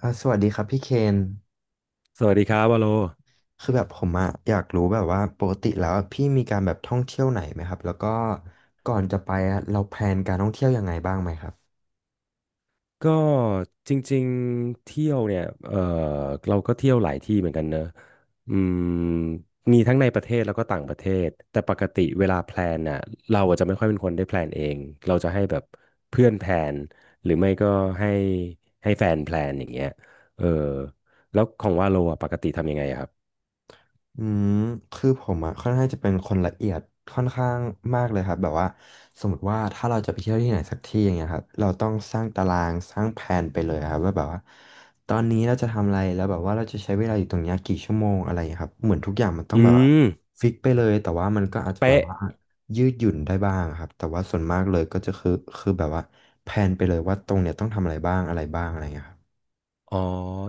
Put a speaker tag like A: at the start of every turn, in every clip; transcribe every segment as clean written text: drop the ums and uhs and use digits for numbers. A: สวัสดีครับพี่เคน
B: สวัสดีครับวาโล
A: คือแบบผมอะอยากรู้แบบว่าปกติแล้วอะพี่มีการแบบท่องเที่ยวไหนไหมครับแล้วก็ก่อนจะไปอะเราแพลนการท่องเที่ยวยังไงบ้างไหมครับ
B: ก็จริงๆเที่ยวเนี่ยเราก็เที่ยวหลายที่เหมือนกันเนอะอืมมีทั้งในประเทศแล้วก็ต่างประเทศแต่ปกติเวลาแพลนน่ะเราอาจจะไม่ค่อยเป็นคนได้แพลนเองเราจะให้แบบเพื่อนแพลนหรือไม่ก็ให้ให้แฟนแพลนอย่างเงี้ยเออแล้วของวาโลอ่ะปกติทำยังไงอะครับ
A: อืมคือผมอะค่อนข้างจะเป็นคนละเอียดค่อนข้างมากเลยครับแบบว่าสมมติว่าถ้าเราจะไปเที่ยวที่ไหนสักที่อย่างเงี้ยครับเราต้องสร้างตารางสร้างแผนไปเลยครับว่าแบบว่าตอนนี้เราจะทำอะไรแล้วแบบว่าเราจะใช้เวลาอยู่ตรงเนี้ยกี่ชั่วโมงอะไรอย่างเงี้ยครับเหมือนทุกอย่างมันต้อ
B: อื
A: งแบบว่า
B: ม
A: ฟิกไปเลยแต่ว่ามันก็อาจจะแบบ
B: เป๊ะ
A: ว่ายืดหยุ่นได้บ้างครับแต่ว่าส่วนมากเลยก็จะคือแบบว่าแผนไปเลยว่าตรงเนี้ยต้องทำอะไรบ้างอะไรบ้างอะไรอย่างเงี้ยครับ
B: อ๋อ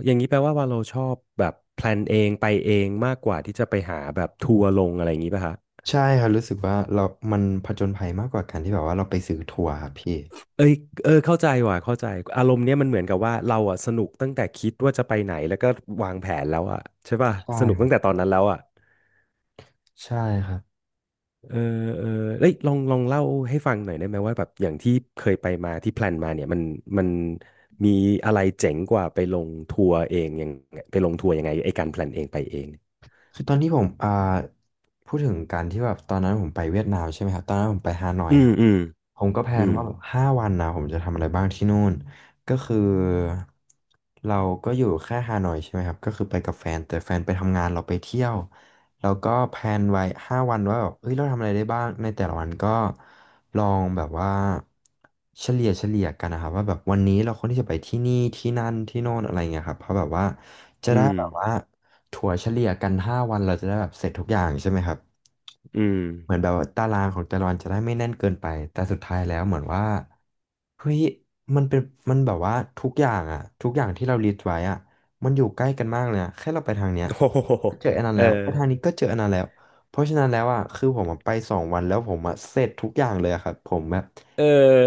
B: อย่างนี้แปลว่าวาโลชอบแบบแพลนเองไปเองมากกว่าที่จะไปหาแบบทัวร์ลงอะไรอย่างนี้ป่ะฮะ
A: ใช่ครับรู้สึกว่าเรามันผจญภัยมากกว่าการที่แบบว่าเราไปซื้อทัวร์ครับพี่
B: เอ้ยเออเข้าใจว่ะเข้าใจอารมณ์เนี้ยมันเหมือนกับว่าเราอ่ะสนุกตั้งแต่คิดว่าจะไปไหนแล้วก็วางแผนแล้วอ่ะใช่ป่ะ
A: ใช่
B: สนุก
A: ครั
B: ตั้ง
A: บ
B: แต่ตอนนั้นแล้วอ่ะ
A: ใช่ครับ
B: เออเออเอ้ยลองเล่าให้ฟังหน่อยได้ไหมว่าแบบอย่างที่เคยไปมาที่แพลนมาเนี่ยมันมีอะไรเจ๋งกว่าไปลงทัวร์เองยังไปลงทัวร์ยังไงไอ้การแพลนเองไปเอง
A: คือตอนที่ผมพูดถึงการที่แบบตอนนั้นผมไปเวียดนามใช่ไหมครับตอนนั้นผมไปฮานอย
B: อื
A: ค
B: ม
A: รับ
B: อืม
A: ผมก็แพล
B: อื
A: น
B: ม
A: ว่าแบบ5 วันนะผมจะทำอะไรบ้างที่นู่นก็คือเราก็อยู่แค่ฮานอยใช่ไหมครับก็คือไปกับแฟนแต่แฟนไปทำงานเราไปเที่ยวเราก็แพลนไว้ห้าวันว่าแบบเฮ้ยเราทำอะไรได้บ้างในแต่ละวันก็ลองแบบว่าเฉลี่ยเฉลี่ยกันนะครับว่าแบบวันนี้เราควรที่จะไปที่นี่ที่นั่นที่โน่นอะไรเงี้ยครับเพราะแบบว่าจะ
B: อื
A: ได้
B: ม
A: แบบว่าถั่วเฉลี่ยกันห้าวันเราจะได้แบบเสร็จทุกอย่างใช่ไหมครับ
B: อืม
A: เหมือนแบบว่าตารางของแต่ละวันจะได้ไม่แน่นเกินไปแต่สุดท้ายแล้วเหมือนว่าเฮ้ยมันเป็นมันแบบว่าทุกอย่างที่เราลิสต์ไว้อะมันอยู่ใกล้กันมากเลยอะแค่เราไปทางเนี้ย
B: โอ้โห
A: ก็เจออันนั้น
B: เออ
A: แล้วไปทางนี้ก็เจออันนั้นแล้วเพราะฉะนั้นแล้วอะคือผมอะไปสองวันแล้วผมอะเสร็จทุกอย่างเลยอะครับผมแบบ
B: เอ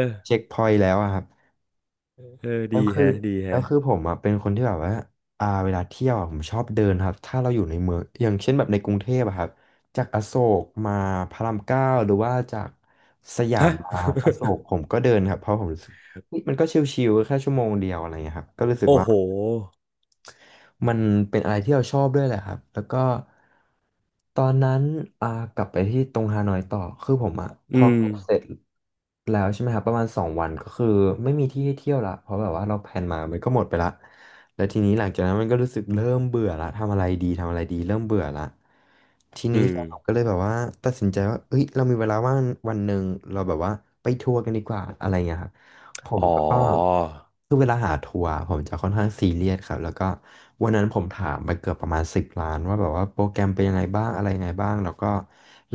B: อ
A: เช็คพอยต์แล้วอะครับ
B: เออ
A: แล้
B: ดี
A: วคือ
B: แฮะดี
A: แล้
B: แฮะ
A: วคือผมอ่ะเป็นคนที่แบบว่าเวลาเที่ยวอะผมชอบเดินครับถ้าเราอยู่ในเมืองอย่างเช่นแบบในกรุงเทพอะครับจากอโศกมาพระราม 9หรือว่าจาก
B: ฮะ
A: อ่าอโศกผมก็เดินครับเพราะผมรู้สึกเฮ้ยมันก็ชิลๆแค่ชั่วโมงเดียวอะไรเงี้ยครับก็รู้ สึก
B: โอ้
A: ว่า
B: โห
A: มันเป็นอะไรที่เราชอบด้วยแหละครับแล้วก็ตอนนั้นอ่ากลับไปที่ตรงฮานอยต่อคือผมอ่ะพ
B: อื
A: อ
B: ม
A: เสร็จแล้วใช่ไหมครับประมาณสองวันก็คือไม่มีที่ให้เที่ยวละเพราะแบบว่าเราแพลนมามันก็หมดไปละแล้วทีนี้หลังจากนั้นมันก็รู้สึกเริ่มเบื่อละทำอะไรดีทำอะไรดีเริ่มเบื่อละที
B: อื
A: นี้
B: ม
A: แฟนผมก็เลยแบบว่าตัดสินใจว่าเอ้ยเรามีเวลาว่างวันหนึ่งเราแบบว่าไปทัวร์กันดีกว่าอะไรเงี้ยครับ ผ
B: อ๋
A: ม
B: อ
A: ก็คือเวลาหาทัวร์ผมจะค่อนข้างซีเรียสครับแล้วก็วันนั้นผมถามไปเกือบประมาณ10 ร้านว่าแบบว่าโปรแกรมเป็นยังไงบ้างอะไรยังไงบ้างแล้วก็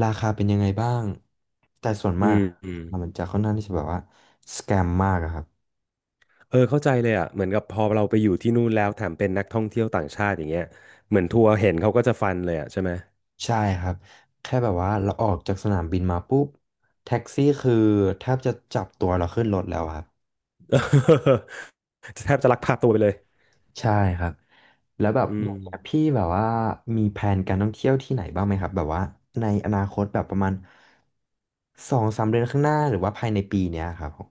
A: ราคาเป็นยังไงบ้างแต่ส่วน
B: อื
A: มาก
B: มอืม
A: มันจะค่อนข้างที่จะแบบว่าสแกมมากอะครับ
B: เออเข้าใจเลยอ่ะเหมือนกับพอเราไปอยู่ที่นู่นแล้วแถมเป็นนักท่องเที่ยวต่างชาติอย่างเงี้ยเหมือนทัวร์เห็นเขาก็จะฟันเลยอ่ะใช่ไหม
A: ใช่ครับแค่แบบว่าเราออกจากสนามบินมาปุ๊บแท็กซี่คือแทบจะจับตัวเราขึ้นรถแล้วอะครับ
B: จะแทบจะลักพาตัวไปเลย
A: ใช่ครับแล้วแบบ
B: อื
A: อ
B: ม
A: ย่างเงี้ยพี่แบบว่ามีแผนการท่องเที่ยวที่ไหนบ้างไหมครับแบบว่าในอนาคตแบบประมาณสองสามเดือนข้างหน้าหรือว่าภายในปีเนี้ยครับผม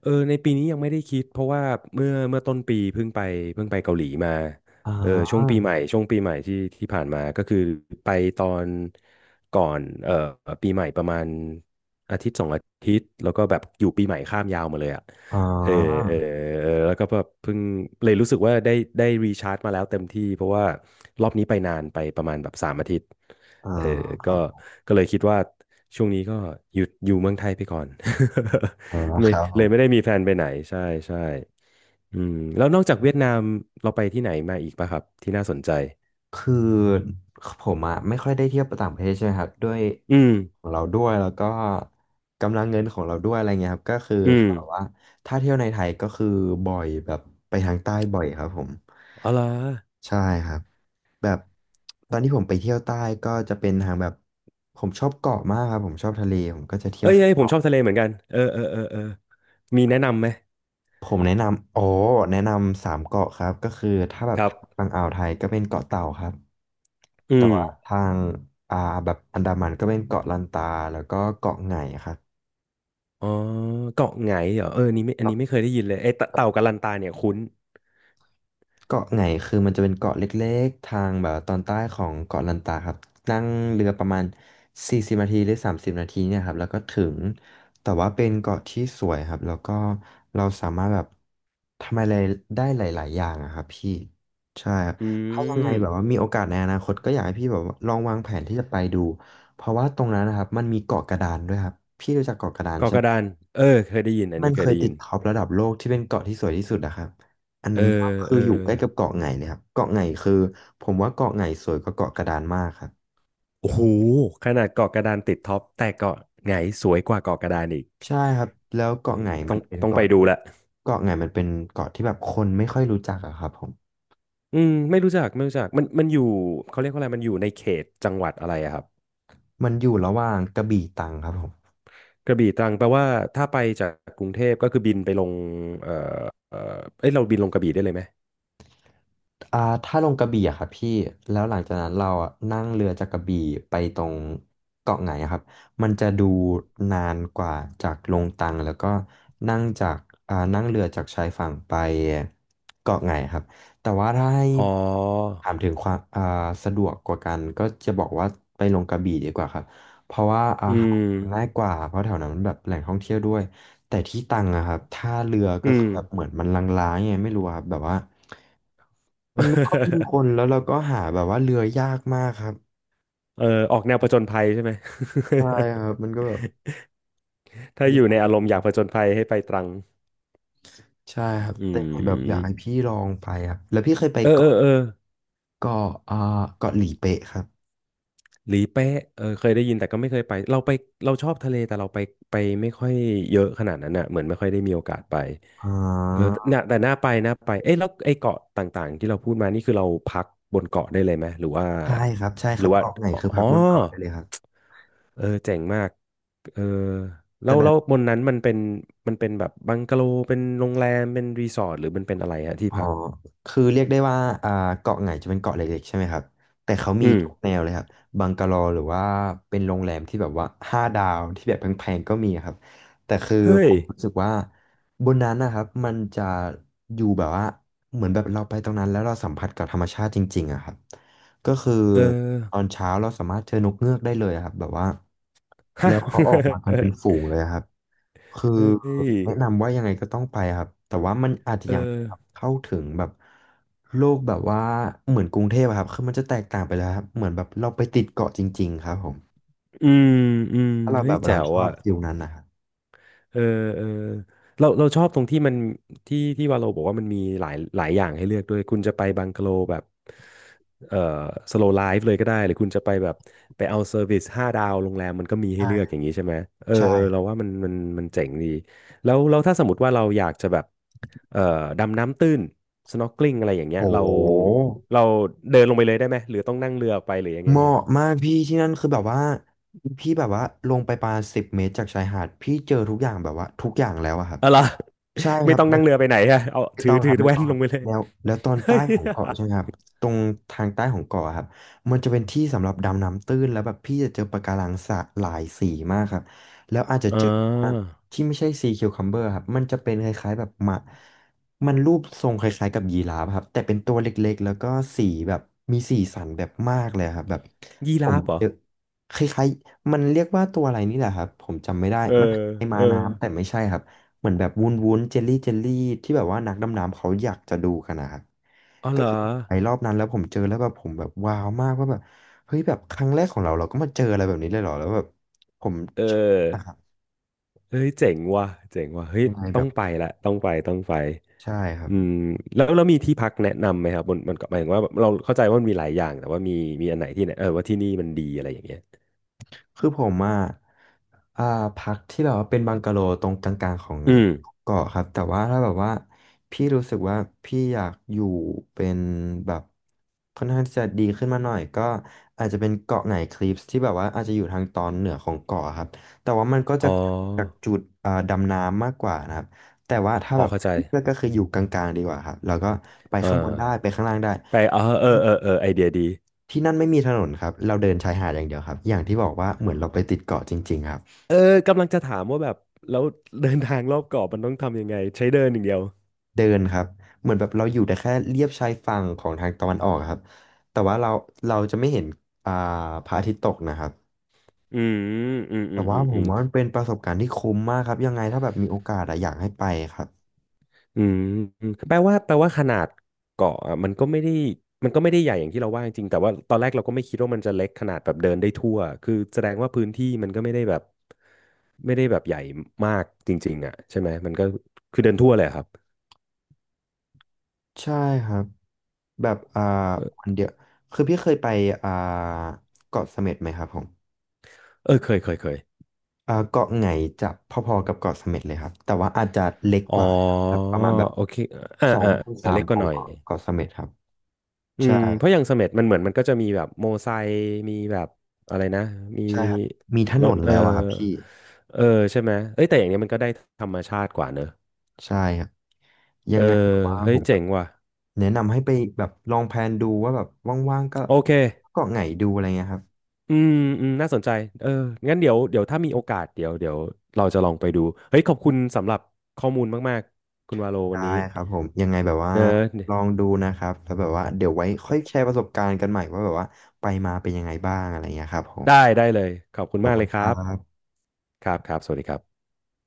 B: เออในปีนี้ยังไม่ได้คิดเพราะว่าเมื่อต้นปีเพิ่งไปเกาหลีมา
A: อ๋อ
B: เออช่วงปีใหม่ที่ที่ผ่านมาก็คือไปตอนก่อนปีใหม่ประมาณอาทิตย์สองอาทิตย์แล้วก็แบบอยู่ปีใหม่ข้ามยาวมาเลยอ่ะ
A: อ๋อ
B: เออเออเออแล้วก็แบบเพิ่งเลยรู้สึกว่าได้รีชาร์จมาแล้วเต็มที่เพราะว่ารอบนี้ไปนานไปประมาณแบบสามอาทิตย์
A: อ๋อ
B: เออ
A: ค
B: ก็
A: รับ
B: ก็เลยคิดว่าช่วงนี้ก็หยุดอยู่เมืองไทยไปก่อน
A: อ๋อ
B: ไม่
A: ครับผ
B: เลยไม่
A: ม
B: ได้มีแพลนไปไหนใช่ใช่อืมแล้วนอกจากเวียดนามเราไปที่ไหนมาอีกป่ะครับที่น่าสนใจ
A: คือผมอะไม่ค่อยได้เที่ยวต่างประเทศใช่ไหมครับด้วย
B: อืม
A: ของเราด้วยแล้วก็กำลังเงินของเราด้วยอะไรเงี้ยครับก็คือ
B: อืม
A: เขาบอกว่าถ้าเที่ยวในไทยก็คือบ่อยแบบไปทางใต้บ่อยครับผม
B: อ๋อเหรอ
A: ใช่ครับแบบตอนที่ผมไปเที่ยวใต้ก็จะเป็นทางแบบผมชอบเกาะมากครับผมชอบทะเลผมก็จะเที่ย
B: เอ้
A: ว
B: ยเอ้ยผม
A: เกาะ
B: ชอบทะเลเหมือนกันเออเออเออเออมีแนะนำไหม
A: ผมแนะนำโอ้แนะนำสามเกาะครับก็คือถ้าแบ
B: ค
A: บ
B: รับ
A: ฝั่งอ่าวไทยก็เป็นเกาะเต่าครับ
B: อื
A: แต่
B: ม
A: ว่าทางอ่าแบบอันดามันก็เป็นเกาะลันตาแล้วก็เกาะไหงครับ
B: อ๋อเกาะไหงเหรอเออนี่ไม่อั
A: ค
B: น
A: รั
B: นี้ไม่เค
A: บ
B: ยได้ยินเลยไอ้เตเต่ากัลลันตาเนี่ยคุ้น
A: เกาะไหงคือมันจะเป็นเกาะเล็กๆทางแบบตอนใต้ของเกาะลันตาครับนั่งเรือประมาณ40 นาทีหรือ30 นาทีเนี่ยครับแล้วก็ถึงแต่ว่าเป็นเกาะที่สวยครับแล้วก็เราสามารถแบบทำอะไรได้หลายๆอย่างอะครับพี่ใช่ครับ
B: อื
A: ถ้ายังไง
B: ม
A: แบบว่ามีโอกาสในอนาคตก็อยากให้พี่แบบว่าลองวางแผนที่จะไปดูเพราะว่าตรงนั้นนะครับมันมีเกาะกระดานด้วยครับพี่รู้จักเกาะกระดาน
B: เกาะ
A: ใช่
B: ก
A: ไห
B: ระ
A: ม
B: ดานเออเคยได้ยินอัน
A: มั
B: นี้
A: น
B: เค
A: เค
B: ย
A: ย
B: ได้
A: ติ
B: ยิ
A: ด
B: น
A: ท็อประดับโลกที่เป็นเกาะที่สวยที่สุดอะครับอัน
B: เอ
A: นั้นก็
B: อ
A: คื
B: เอ
A: อ
B: อ
A: อยู่ใกล้กับเกาะไหงเลยครับเกาะไหงคือผมว่าเกาะไหงสวยกว่าเกาะกระดานมากครับ
B: โอ้โหขนาดเกาะกระดานติดท็อปแต่เกาะไหงสวยกว่าเกาะกระดานอีก
A: ใช่ครับแล้วเกาะไหง
B: ต้
A: มั
B: อง
A: นเป็น
B: ต้องไป
A: เกาะ
B: ดู
A: ที่
B: ละ
A: เกาะไหงมันเป็นเกาะที่แบบคนไม่ค่อยรู้จักอะครับผม
B: อืมไม่รู้จักมันอยู่เขาเรียกว่าอะไรมันอยู่ในเขตจังหวัดอะไรอะครับ
A: มันอยู่ระหว่างกระบี่ตรังครับผม
B: กระบี่ตรังแปลว่าถ้าไปจากกรุงเทพก็คือบินไปลงเออเออเอ้ยเราบินลงกระบี่ได้เลยไหม
A: ถ้าลงกระบี่อะครับพี่แล้วหลังจากนั้นเราอะนั่งเรือจากกระบี่ไปตรงเกาะไหงอะครับมันจะดูนานกว่าจากลงตังแล้วก็นั่งจากนั่งเรือจากชายฝั่งไปเกาะไหงครับแต่ว่าถ้าให้
B: อ๋อ
A: ถามถึงความสะดวกกว่ากันก็จะบอกว่าไปลงกระบี่ดีกว่าครับเพราะว่าอา
B: อื
A: หารง่าย
B: ม
A: กว่าเพราะแถวนั้นมันแบบแหล่งท่องเที่ยวด้วยแต่ที่ตังอะครับถ้าเรือก็
B: อื
A: คื
B: ม
A: อแบบเหมือนมันลางๆไงไม่รู้อะครับแบบว่า มันไม่ค่อยมีคนแล้ วเราก็หาแบบว่าเรือยากมากครับ
B: เออออกแนวผจญภัยใช่ไหม
A: ใช่ครับมันก็แบบ
B: ถ้าอยู่
A: ยา
B: ใน
A: ก
B: อาร
A: เล
B: ม
A: ย
B: ณ์อยากผจญภัยให้ไปตรัง
A: ใช่ครับ
B: อื
A: แต่แบบอยากให้
B: ม
A: พี่ลองไปครับแล้วพี่เคยไป
B: เออเออ
A: เกาะ
B: เออ
A: เกาะเกาะหลีเป๊ะครับ
B: หลีเป๊ะเออเคยได้ยินแต่ก็ไม่เคยไปเราไปเราชอบทะเลแต่เราไปไปไม่ค่อยเยอะขนาดนั้นอ่ะเหมือนไม่ค่อยได้มีโอกาสไป
A: อ่
B: เออ
A: า
B: น่ะแต่น่าไปเอ้ยแล้วไอ้เกาะต่างๆที่เราพูดมานี่คือเราพักบนเกาะได้เลยไหมหรือว่า
A: ใช่ครับใช่
B: ห
A: ค
B: รื
A: รั
B: อ
A: บ
B: ว่า
A: เกาะไหน
B: อ
A: คือ
B: ๋
A: พั
B: อ
A: กบนเกาะได้เลยครับ
B: เออเจ๋งมากเออแล้วบนนั้นมันเป็นมันเป็นแบบบังกะโลเป็นโรงแรมเป็นรีสอร์ทหรือมันเป็นอะไรฮะที่
A: อ๋อ
B: พัก
A: คือเรียกได้ว่าอ่าเกาะไหงจะเป็นเกาะเล็กๆใช่ไหมครับแต่เขามี
B: อืม
A: ทุกแนวเลยครับบังกะโลหรือว่าเป็นโรงแรมที่แบบว่าห้าดาวที่แบบแพงๆก็มีครับแต่คือ
B: เฮ้
A: ผ
B: ย
A: มรู้สึกว่าบนนั้นนะครับมันจะอยู่แบบว่า เหมือนแบบเราไปตรงนั้นแล้วเราสัมผัสกับธรรมชาติจริงๆอะครับก็คือ
B: เอ
A: ตอน
B: อ
A: เช้าเราสามารถเจอนกเงือกได้เลยอะครับแบบว่า
B: ฮะ
A: แล้วเขาออกมากันเป็นฝูงเลยอะครับ คือ
B: เฮ้ย
A: แนะนำว่ายังไงก็ต้องไปครับแต่ว่ามันอาจจะ
B: เอ
A: ยังไม่
B: อ
A: ได้เข้าถึงแบบโลกแบบว่าเหมือนกรุงเทพอะครับคือมันจะแตกต่างไปแล้วครับเหมือนแบบเราไปติดเกาะจริงๆครับผม
B: อืมอืม
A: ถ้าเรา
B: เฮ้
A: แบ
B: ย
A: บ
B: แจ๋
A: เรา
B: ว
A: ชอบ
B: อ่ะ
A: ฟิลนั้นนะครับ
B: เออเออเราเราชอบตรงที่มันที่ที่วาโลบอกว่ามันมีหลายหลายอย่างให้เลือกด้วยคุณจะไปบังกะโลแบบเออสโลว์ไลฟ์เลยก็ได้หรือคุณจะไปแบบไปเอาเซอร์วิสห้าดาวโรงแรมมันก็มีให้เลือกอ
A: ใช่
B: ย่างนี้ใช่ไหมเออ
A: ใช่
B: เออ
A: ครั
B: เราว่า
A: บ
B: มันมันเจ๋งดีแล้วถ้าสมมติว่าเราอยากจะแบบเอ่อดำน้ำตื้น snorkeling อกลิ่งอะไรอย่างเงี้
A: โ
B: ยเรา
A: ห
B: เราเดินลงไปเลยได้ไหมหรือต้องนั่งเรือไปหรือยังไง
A: เหมาะมากพี่ที่นั่นคือแบบว่าพี่แบบว่าลงไปประมาณ10 เมตรจากชายหาดพี่เจอทุกอย่างแบบว่าทุกอย่างแล้วอะครับ
B: เอะไรอ
A: ใช่ ค
B: ไม่
A: รับ
B: ต้อง
A: แล้
B: นั่
A: ว
B: งเรือไปไหนฮะเอา
A: ไม่
B: ถื
A: ต้
B: อ
A: องค
B: ถือ
A: รับไม่
B: แว่
A: ต้อ
B: น
A: งค
B: ล
A: รั
B: ง
A: บ
B: ไปเลย
A: แล้วแล้วตอนใต้ของเกาะใช่ไหม ครับตรงทางใต้ของเกาะครับมันจะเป็นที่สำหรับดำน้ำตื้นแล้วแบบพี่จะเจอปะการังสะหลายสีมากครับแล้วอาจจะ
B: อ่
A: เจอ
B: า
A: ที่ไม่ใช่ซีคิวคัมเบอร์ครับมันจะเป็นคล้ายๆแบบหมามันรูปทรงคล้ายๆกับยีราฟครับแต่เป็นตัวเล็กๆแล้วก็สีแบบมีสีสันแบบมากเลยครับแบบ
B: ยี
A: ผ
B: รา
A: ม
B: ฟเหรอ
A: เจอคล้ายๆมันเรียกว่าตัวอะไรนี่แหละครับผมจำไม่ได้
B: เออ
A: มันคล้ายๆ
B: เอ
A: ม้า
B: อ
A: น้ำแต่ไม่ใช่ครับ เหมือนแบบวุ้นวุ้นเจลลี่เจลลี่ที่แบบว่านักดำน้ำเขาอยากจะดูกันนะครับ
B: อ๋อเห
A: ก็
B: รอ
A: คือไปรอบนั้นแล้วผมเจอแล้วแบบผมแบบว้าวมากว่าแบบเฮ้ยแบบครั้งแรกของเราเราก็มาเจออะไรแบบนี้เลยเหรอแล้วแบบผม
B: เ
A: ชอบมาก
B: ออ
A: ครับ
B: เฮ้ยเจ๋งว่ะเฮ้ย
A: ยังไงแบ
B: ต้อง
A: บ
B: ไปละต้องไปต้องไป
A: ใช่ครั
B: อืม
A: บ
B: แล้วมีที่พักแนะนำไหมครับมันก็หมายถึงว่าแบบเราเข้าใจว่ามันมีหลายอย่างแต่ว่ามีมีอันไหนที่เนี่ยเออว่าที่นี่มันดีอะไรอย่างเงี้ย
A: คือผมอ่ะอ่าพักที่แบบว่าเป็นบังกะโลตรงกลางๆของ
B: อืม
A: เกาะครับแต่ว่าถ้าแบบว่าพี่รู้สึกว่าพี่อยากอยู่เป็นแบบค่อนข้างที่จะดีขึ้นมาหน่อยก็อาจจะเป็นเกาะไหนคลิปที่แบบว่าอาจจะอยู่ทางตอนเหนือของเกาะครับแต่ว่ามันก็
B: อ๋
A: จะจาก
B: อ
A: จุดดำน้ำมากกว่านะครับแต่ว่าถ้า
B: อ๋อ
A: แบบ
B: เข้าใจ
A: เลือกก็คืออยู่กลางๆดีกว่าครับแล้วก็ไป
B: อ่
A: ข้างบนได้ไป
B: า
A: ข้างล่างได้
B: ไปอ๋อเออเออเออไอเดียดี
A: ที่นั่นไม่มีถนนครับเราเดินชายหาดอย่างเดียวครับอย่างที่บอกว่าเหมือนเราไปติดเกาะจริงๆครับ
B: เออกำลังจะถามว่าแบบแล้ว เดินทางรอบเกาะมันต้องทำยังไงใช้เดินอย่างเดียว
A: เดินครับเหมือนแบบเราอยู่แต่แค่เลียบชายฝั่งของทางตะวันออกครับแต่ว่าเราเราจะไม่เห็นอ่าพระอาทิตย์ตกนะครับ
B: อืมอืมอื
A: แต่
B: มอื
A: ว่า
B: ม
A: ผ
B: อื
A: ม
B: ม
A: ว่ามันเป็นประสบการณ์ที่คุ้มมากครับยังไงถ้าแบบมีโอกาสอะอยากให้ไปครับ
B: อืมอืมแปลว่าแปลว่าขนาดเกาะอะมันก็ไม่ได้มันก็ไม่ได้ใหญ่อย่างที่เราว่าจริงๆแต่ว่าตอนแรกเราก็ไม่คิดว่ามันจะเล็กขนาดแบบเดินได้ทั่วคือแสดงว่าพื้นที่มันก็ไม่ได้แบบไม่ได้แบบใหญ่มากจริงๆอ่ะใช่ไหมมันก็คือเดินทั่วเลยอะครับ
A: ใช่ครับ แบบวั
B: เอ
A: น
B: อ
A: เดียว คือพี่เคยไปอ่าเกาะเสม็ดไหมครับผม
B: เออเคย
A: เกาะไหงจะพอๆกับเกาะเสม็ดเลยครับแต่ว่าอาจจะเล็ก
B: อ๋อ
A: กว่านะครับแบบประมาณแบบ
B: โอเคอ่า
A: สอง
B: อ่า
A: ถึง
B: อ่า
A: สาม
B: เล็กก
A: ข
B: ว่า
A: อ
B: ห
A: ง
B: น่อย
A: เกาะเกาะเสม็ดครับ
B: อื
A: ใช่
B: มเพ
A: ค
B: ราะ
A: รั
B: อย่าง
A: บ
B: เสม็ดมันเหมือนมันก็จะมีแบบโมไซค์มีแบบอะไรนะมี
A: ใช่ครับมีถ
B: ร
A: น
B: ถ
A: น
B: เออ
A: แล้วอะครับพี่
B: เออใช่ไหมเอ้ยแต่อย่างเนี้ยมันก็ได้ธรรมชาติกว่าเนอะ
A: ใช่ครับยั
B: เออ
A: งไงผมว่า
B: เฮ้
A: ผ
B: ย
A: มแบ
B: เจ๋
A: บ
B: งว่ะ
A: แนะนำให้ไปแบบลองแพลนดูว่าแบบว่างๆก็
B: โอเค
A: เกาะไหงดูอะไรเงี้ยครับ
B: อืมอืมน่าสนใจเอองั้นเดี๋ยวถ้ามีโอกาสเดี๋ยวเราจะลองไปดูเฮ้ยขอบคุณสำหรับข้อมูลมากๆคุณวาโลวั
A: ได้
B: นนี้
A: ครับผมยังไงแบบว่า
B: เน
A: ลอง
B: อะ
A: ดูนะครับแล้วแบบว่าเดี๋ยวไว้ค่อยแชร์ประสบการณ์กันใหม่ว่าแบบว่าไปมาเป็นยังไงบ้างอะไรเงี้ยครับผม
B: ได้ได้เลยขอบคุณ
A: ขอบ
B: มาก
A: คุ
B: เล
A: ณ
B: ยค
A: ครั
B: รับ
A: บ
B: ครับครับสวัสดีครับ